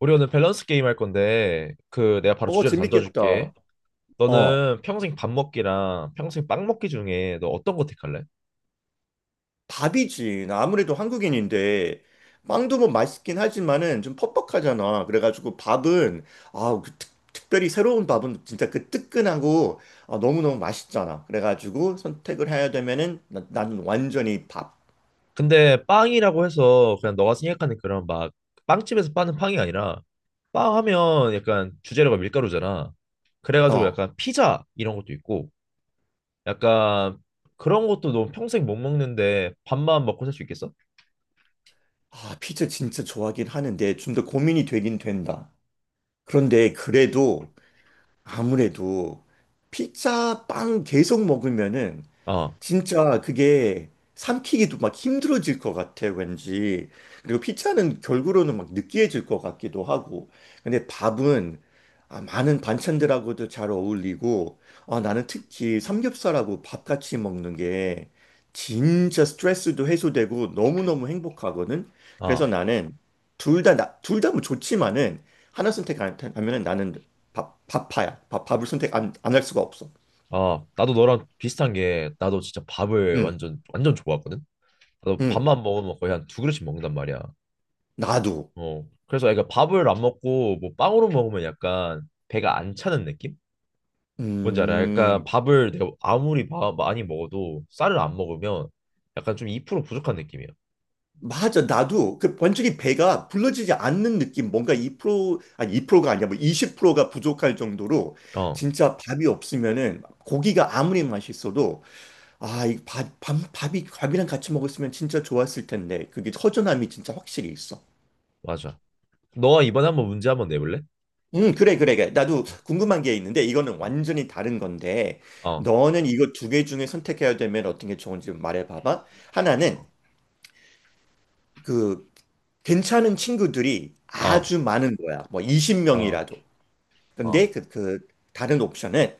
우리 오늘 밸런스 게임 할 건데 내가 바로 어, 주제를 던져줄게. 재밌겠다. 어, 너는 평생 밥 먹기랑 평생 빵 먹기 중에 너 어떤 거 택할래? 밥이지. 나 아무래도 한국인인데, 빵도 뭐 맛있긴 하지만은 좀 퍽퍽하잖아. 그래가지고 밥은, 그 특별히 새로운 밥은 진짜 그 뜨끈하고, 너무너무 맛있잖아. 그래가지고 선택을 해야 되면은, 나는 완전히 밥. 근데 빵이라고 해서 그냥 너가 생각하는 그런 빵집에서 파는 빵이 아니라 빵 하면 약간 주재료가 밀가루잖아. 그래가지고 어, 약간 피자 이런 것도 있고 약간 그런 것도 너 평생 못 먹는데 밥만 먹고 살 수 있겠어? 피자 진짜 좋아하긴 하는데, 좀 더 고민이 되긴 된다. 그런데 그래도, 아무래도, 피자 빵 계속 먹으면은, 어, 진짜 그게 삼키기도 막 힘들어질 것 같아, 왠지. 그리고 피자는 결국으로는 막 느끼해질 것 같기도 하고. 근데 밥은 많은 반찬들하고도 잘 어울리고, 나는 특히 삼겹살하고 밥 같이 먹는 게 진짜 스트레스도 해소되고 너무너무 행복하거든. 어, 그래서 나는 둘 다, 둘다 뭐 좋지만은 하나 선택하면 나는 밥파야. 밥을 선택 안 할 수가 없어. 나도 너랑 비슷한 게 나도 진짜 밥을 응, 완전 완전 좋아하거든. 나도 응, 밥만 먹으면 거의 한 두 그릇씩 먹는단 말이야. 나도. 어. 그래서 애가 밥을 안 먹고 뭐 빵으로 먹으면 약간 배가 안 차는 느낌? 뭔지 알아? 약간 음, 밥을 내가 아무리 많이 먹어도 쌀을 안 먹으면 약간 좀 2% 부족한 느낌이야. 맞아. 나도 그 완전히 배가 불러지지 않는 느낌, 뭔가 2%, 아니 2%가 아니야, 뭐프0가 부족할 정도로 어, 진짜 밥이 없으면은 고기가 아무리 맛있어도 이 밥이 밥이랑 같이 먹었으면 진짜 좋았을 텐데 그게 허전함이 진짜 확실히 있어. 맞아. 너가 이번에 한번 문제 한번 내볼래? 그래, 그래, 그래. 나도 궁금한 게 있는데 이거는 완전히 다른 건데 어, 너는 이거 두 개 중에 선택해야 되면 어떤 게 좋은지 말해봐봐. 하나는 어, 그 괜찮은 친구들이 어, 아주 많은 거야. 뭐 어, 20명이라도. 근데 그 다른 옵션은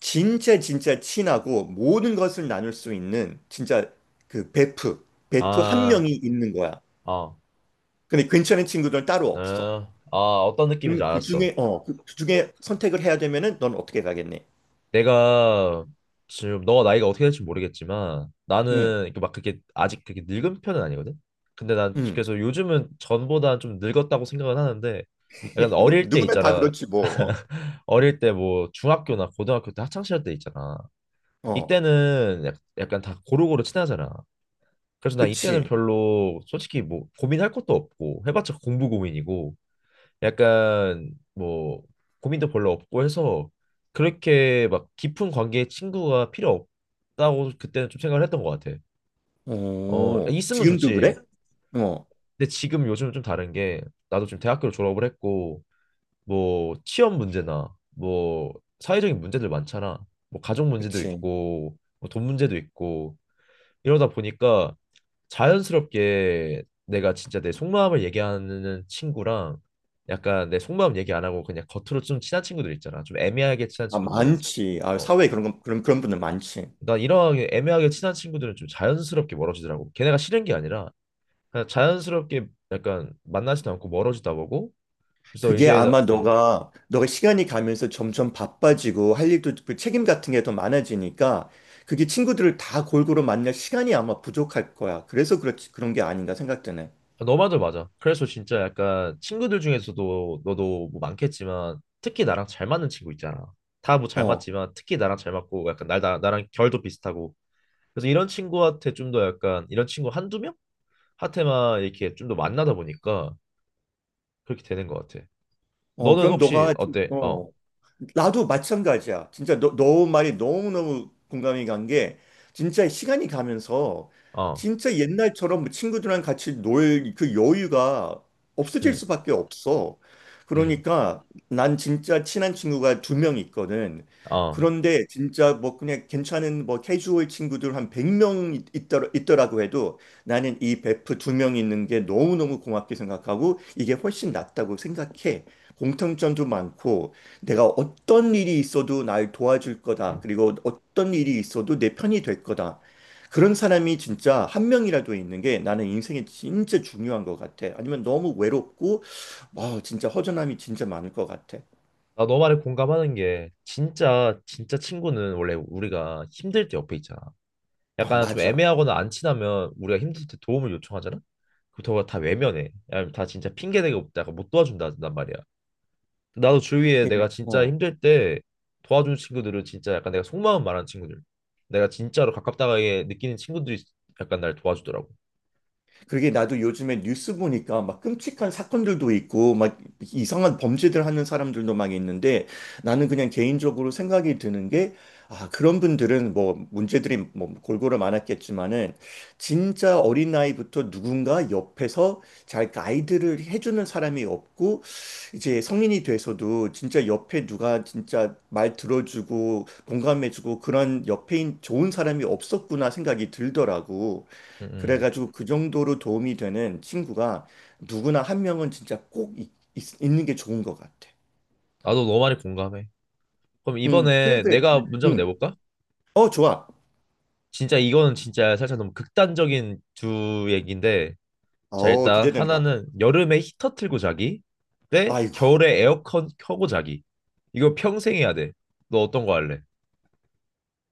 진짜 진짜 친하고 모든 것을 나눌 수 있는 진짜 그 베프 한 아, 명이 있는 거야. 어, 근데 괜찮은 친구들은 따로 어, 없어. 어, 어떤 느낌인지 그럼 그 알았어. 중에 선택을 해야 되면은 넌 어떻게 가겠니? 내가 지금 너가 나이가 어떻게 될지 모르겠지만 응. 나는 이렇게 막 그렇게 아직 그렇게 늙은 편은 아니거든. 근데 난 응. 그래서 요즘은 전보다 좀 늙었다고 생각은 하는데 약간 뭐 어릴 때 누구나 다 있잖아. 그렇지 뭐. 어릴 때 뭐 중학교나 고등학교 때 학창 시절 때 있잖아. 어. 어. 이때는 약간 다 고루고루 친하잖아. 그래서 난 이때는 그치. 별로 솔직히 뭐 고민할 것도 없고 해봤자 공부 고민이고 약간 뭐 고민도 별로 없고 해서 그렇게 막 깊은 관계의 친구가 필요 없다고 그때는 좀 생각을 했던 것 같아. 어, 어. 있으면 지금도 그래? 좋지. 어. 근데 지금 요즘 좀 다른 게 나도 지금 대학교를 졸업을 했고 뭐 취업 문제나 뭐 사회적인 문제들 많잖아. 뭐 가족 문제도 그치. 있고 뭐돈 문제도 있고 이러다 보니까 자연스럽게 내가 진짜 내 속마음을 얘기하는 친구랑 약간 내 속마음 얘기 안 하고 그냥 겉으로 좀 친한 친구들 있잖아. 좀 애매하게 친한 아, 친구들. 많지. 아, 어, 사회에 그런 건- 그런 그런 분들 많지. 난 이러하게 애매하게 친한 친구들은 좀 자연스럽게 멀어지더라고. 걔네가 싫은 게 아니라 그냥 자연스럽게 약간 만나지도 않고 멀어지다 보고 그래서 그게 이제 아마 너가 시간이 가면서 점점 바빠지고 할 일도 그 책임 같은 게 더 많아지니까 그게 친구들을 다 골고루 만날 시간이 아마 부족할 거야. 그래서 그렇지 그런 게 아닌가 생각되네. 아, 너말도 맞아. 그래서 진짜 약간 친구들 중에서도 너도 뭐 많겠지만 특히 나랑 잘 맞는 친구 있잖아. 다 뭐 잘 어. 맞지만 특히 나랑 잘 맞고 약간 나랑 결도 비슷하고. 그래서 이런 친구한테 좀 더 약간 이런 친구 한두 명? 한테만 이렇게 좀 더 만나다 보니까 그렇게 되는 것 같아. 어. 너는 혹시 어때? 나도 마찬가지야. 진짜 너 말이 너무너무 공감이 간 게, 진짜 시간이 가면서, 어, 진짜 옛날처럼 뭐 친구들이랑 같이 놀 그 여유가 없어질 응, 수밖에 없어. 응, 그러니까 난 진짜 친한 친구가 두 명 있거든. 어. 그런데 진짜 뭐 그냥 괜찮은 뭐 캐주얼 친구들 한 100명 있더라고 해도 나는 이 베프 두 명 있는 게 너무너무 고맙게 생각하고 이게 훨씬 낫다고 생각해. 공통점도 많고 내가 어떤 일이 있어도 날 도와줄 거다. 그리고 어떤 일이 있어도 내 편이 될 거다. 그런 사람이 진짜 한 명이라도 있는 게 나는 인생에 진짜 중요한 것 같아. 아니면 너무 외롭고, 와, 진짜 허전함이 진짜 많을 것 같아. 나 너 말에 공감하는 게 진짜 진짜 친구는 원래 우리가 힘들 때 옆에 있잖아. 어, 약간 좀 맞아. 애매하거나 안 친하면 우리가 힘들 때 도움을 요청하잖아? 그렇다고 다 외면해. 아니면 다 진짜 핑계대고 없다. 약간 못 도와준다단 말이야. 나도 주위에 예, 내가 진짜 어. 힘들 때 도와준 친구들은 진짜 약간 내가 속마음 말하는 친구들. 내가 진짜로 가깝다게 느끼는 친구들이 약간 날 도와주더라고. 그게 나도 요즘에 뉴스 보니까 막 끔찍한 사건들도 있고 막 이상한 범죄들 하는 사람들도 막 있는데 나는 그냥 개인적으로 생각이 드는 게 그런 분들은 뭐 문제들이 뭐 골고루 많았겠지만은 진짜 어린아이부터 누군가 옆에서 잘 가이드를 해주는 사람이 없고 이제 성인이 돼서도 진짜 옆에 누가 진짜 말 들어주고 공감해주고 그런 옆에 좋은 사람이 없었구나 생각이 들더라고. 음, 음. 그래가지고 그 정도로 도움이 되는 친구가 누구나 한 명은 진짜 꼭 는게 좋은 것 같아. 나도 너무 많이 공감해. 그럼 응, 그래, 이번에 그래. 내가 문제 한번 응, 내볼까? 어, 좋아. 진짜 이거는 진짜 살짝 너무 극단적인 두 얘기인데 자, 어, 일단 기대된다. 하나는 여름에 히터 틀고 자기, 대 아이고, 겨울에 에어컨 켜고 자기. 이거 평생 해야 돼. 너 어떤 거 할래?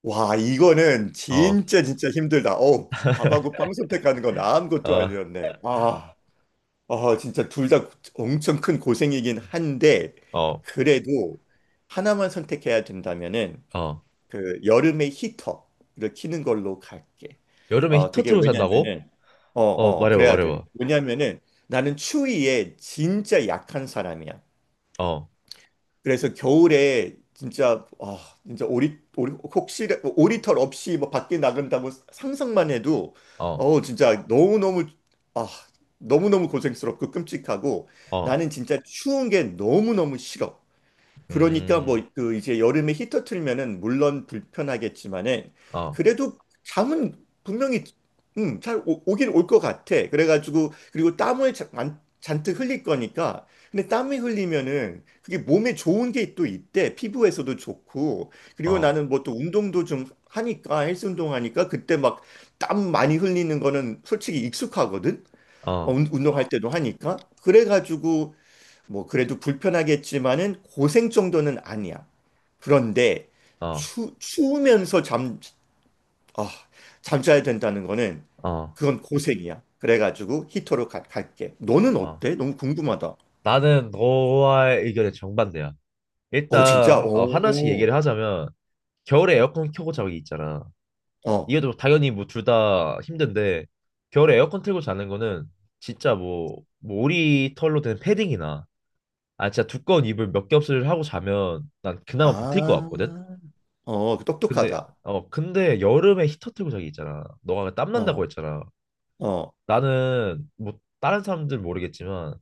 와, 이거는 어, 진짜 진짜 힘들다. 어, 밥하고 빵 선택하는 건 아무것도 어, 아니었네. 진짜 둘 다 엄청 큰 고생이긴 한데, 어, 그래도 하나만 선택해야 된다면은 어. 그 여름에 히터를 키는 걸로 갈게. 여름에 어, 히터 그게 틀고 산다고? 왜냐면은 어, 말해봐, 그래야 돼. 말해봐. 왜냐면은 나는 추위에 진짜 약한 사람이야. 어, 그래서 겨울에 진짜 진짜 오리 오리 혹시 오리털 없이 뭐 밖에 나간다고 상상만 해도 어, 진짜 너무너무 아, 너무너무 고생스럽고 끔찍하고 어, 나는 진짜 추운 게 너무너무 싫어. 그러니까 뭐 음, 그 이제 여름에 히터 틀면은 물론 불편하겠지만은 어, 그래도 잠은 분명히 잘 오긴 올 것 같아. 그래가지고 그리고 땀을 잔뜩 흘릴 거니까. 근데 땀이 흘리면은 그게 몸에 좋은 게 또 있대. 피부에서도 좋고. 그리고 어, 나는 뭐 또 운동도 좀 하니까 헬스 운동하니까 그때 막 땀 많이 흘리는 거는 솔직히 익숙하거든. 어, 운동할 때도 하니까. 그래가지고 뭐 그래도 불편하겠지만은 고생 정도는 아니야. 그런데 어, 추우면서 아, 잠자야 된다는 거는 어, 그건 고생이야. 그래가지고 히터로 갈게. 너는 어. 어때? 너무 궁금하다. 나는 너와의 의견에 정반대야. 어, 진짜? 일단 어, 하나씩 오, 얘기를 하자면 겨울에 에어컨 켜고 자기 있잖아. 어, 이게 또 당연히 뭐 둘 다 힘든데 겨울에 에어컨 틀고 자는 거는 진짜 뭐 오리 털로 된 패딩이나 아 진짜 두꺼운 이불 몇 겹을 하고 자면 난 그나마 버틸 것 아, 같거든. 어, 그 근데 똑똑하다. 어 근데 여름에 히터 틀고 자기 있잖아. 너가 땀 난다고 어, 했잖아. 어, 나는 뭐 다른 사람들 모르겠지만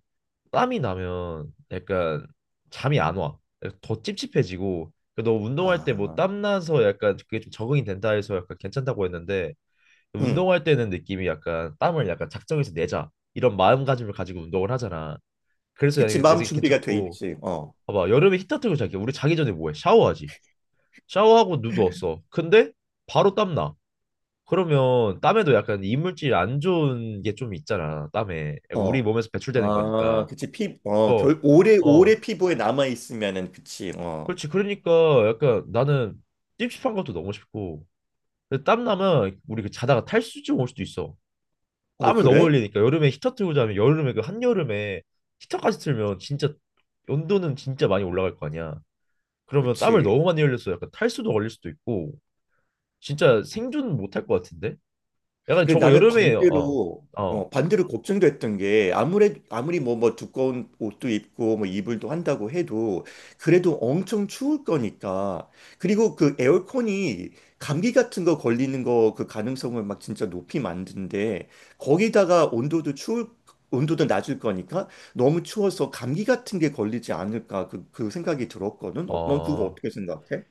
땀이 나면 약간 잠이 안 와. 더 찝찝해지고 너 운동할 때 뭐 아, 땀 나서 약간 그게 좀 적응이 된다 해서 약간 괜찮다고 했는데 응. 운동할 때는 느낌이 약간 땀을 약간 작정해서 내자 이런 마음가짐을 가지고 운동을 하잖아. 그래서 그치, 내 마음 생각 준비가 돼 괜찮고 있지. 어, 봐봐 여름에 히터 틀고 자기 우리 자기 전에 뭐해? 샤워하지. 샤워하고 누웠어. 근데 바로 땀나. 그러면 땀에도 약간 이물질 안 좋은 게 좀 있잖아. 땀에 약간 우리 어, 몸에서 배출되는 거니까. 그치, 어, 오래, 어, 오래 피부에 남아있으면은, 그치, 어. 그렇지. 그러니까 약간 나는 찝찝한 것도 너무 싶고. 근데 땀 나면 우리 그 자다가 탈수증 올 수도 있어. 어, 땀을 너무 그래? 흘리니까 여름에 히터 틀고 자면 여름에 그 한여름에 히터까지 틀면 진짜 온도는 진짜 많이 올라갈 거 아니야. 그러면 땀을 그치. 너무 많이 흘려서 약간 탈수도 걸릴 수도 있고 진짜 생존 못할 것 같은데? 약간 그래, 저거 나는 여름에 반대로, 어, 어, 반대로 걱정됐던 게, 아무리 뭐, 뭐, 두꺼운 옷도 입고, 뭐, 이불도 한다고 해도, 그래도 엄청 추울 거니까. 그리고 그 에어컨이 감기 같은 거 걸리는 거, 그 가능성을 막 진짜 높이 만든데, 거기다가 온도도 낮을 거니까, 너무 추워서 감기 같은 게 걸리지 않을까, 그 생각이 들었거든. 어, 넌 그거 어 어떻게 생각해?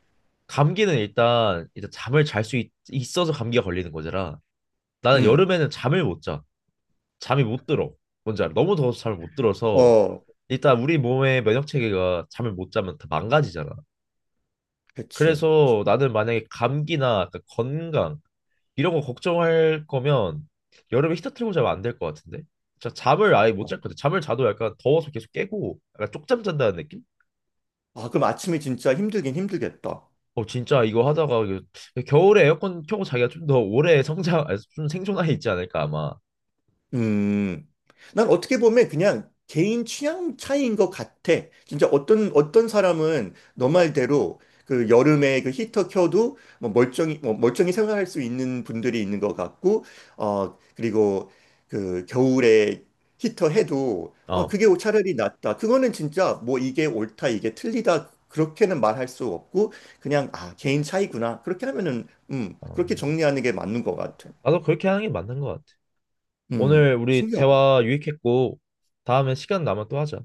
감기는 일단 일단 잠을 잘 수 있어서 감기가 걸리는 거잖아. 나는 응, 여름에는 잠을 못 자. 잠이 못 들어. 뭔지 알아? 너무 더워서 잠을 못 들어서 어, 일단 우리 몸의 면역 체계가 잠을 못 자면 다 망가지잖아. 그치. 그래서 나는 만약에 감기나 약간 건강 이런 거 걱정할 거면 여름에 히터 틀고 자면 안 될 것 같은데. 진짜 잠을 아예 못 어. 잘 것 같아. 잠을 자도 약간 더워서 계속 깨고 약간 쪽잠 잔다는 느낌? 아, 그럼 아침에 진짜 힘들긴 힘들겠다. 어 진짜 이거 하다가 이거 겨울에 에어컨 켜고 자기가 좀 더 오래 성장, 아니, 좀 생존하에 있지 않을까 아마. 음, 난 어떻게 보면 그냥 개인 취향 차이인 것 같아. 진짜 어떤 사람은 너 말대로 그 여름에 그 히터 켜도 뭐 멀쩡히 생활할 수 있는 분들이 있는 것 같고, 어, 그리고 그 겨울에 히터 해도, 어, 그게 차라리 낫다. 그거는 진짜 뭐 이게 옳다, 이게 틀리다. 그렇게는 말할 수 없고, 그냥, 개인 차이구나. 그렇게 하면은, 어, 그렇게 정리하는 게 맞는 것 같아. 나도 그렇게 하는 게 맞는 것 같아. 음. 오늘 우리 신기하다. 대화 유익했고 다음에 시간 나면 또 하자.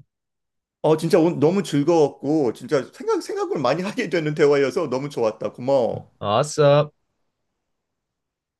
어, 진짜 오늘 너무 즐거웠고, 진짜 생각을 많이 하게 되는 대화여서 너무 좋았다. 어, 고마워. 아, 아싸.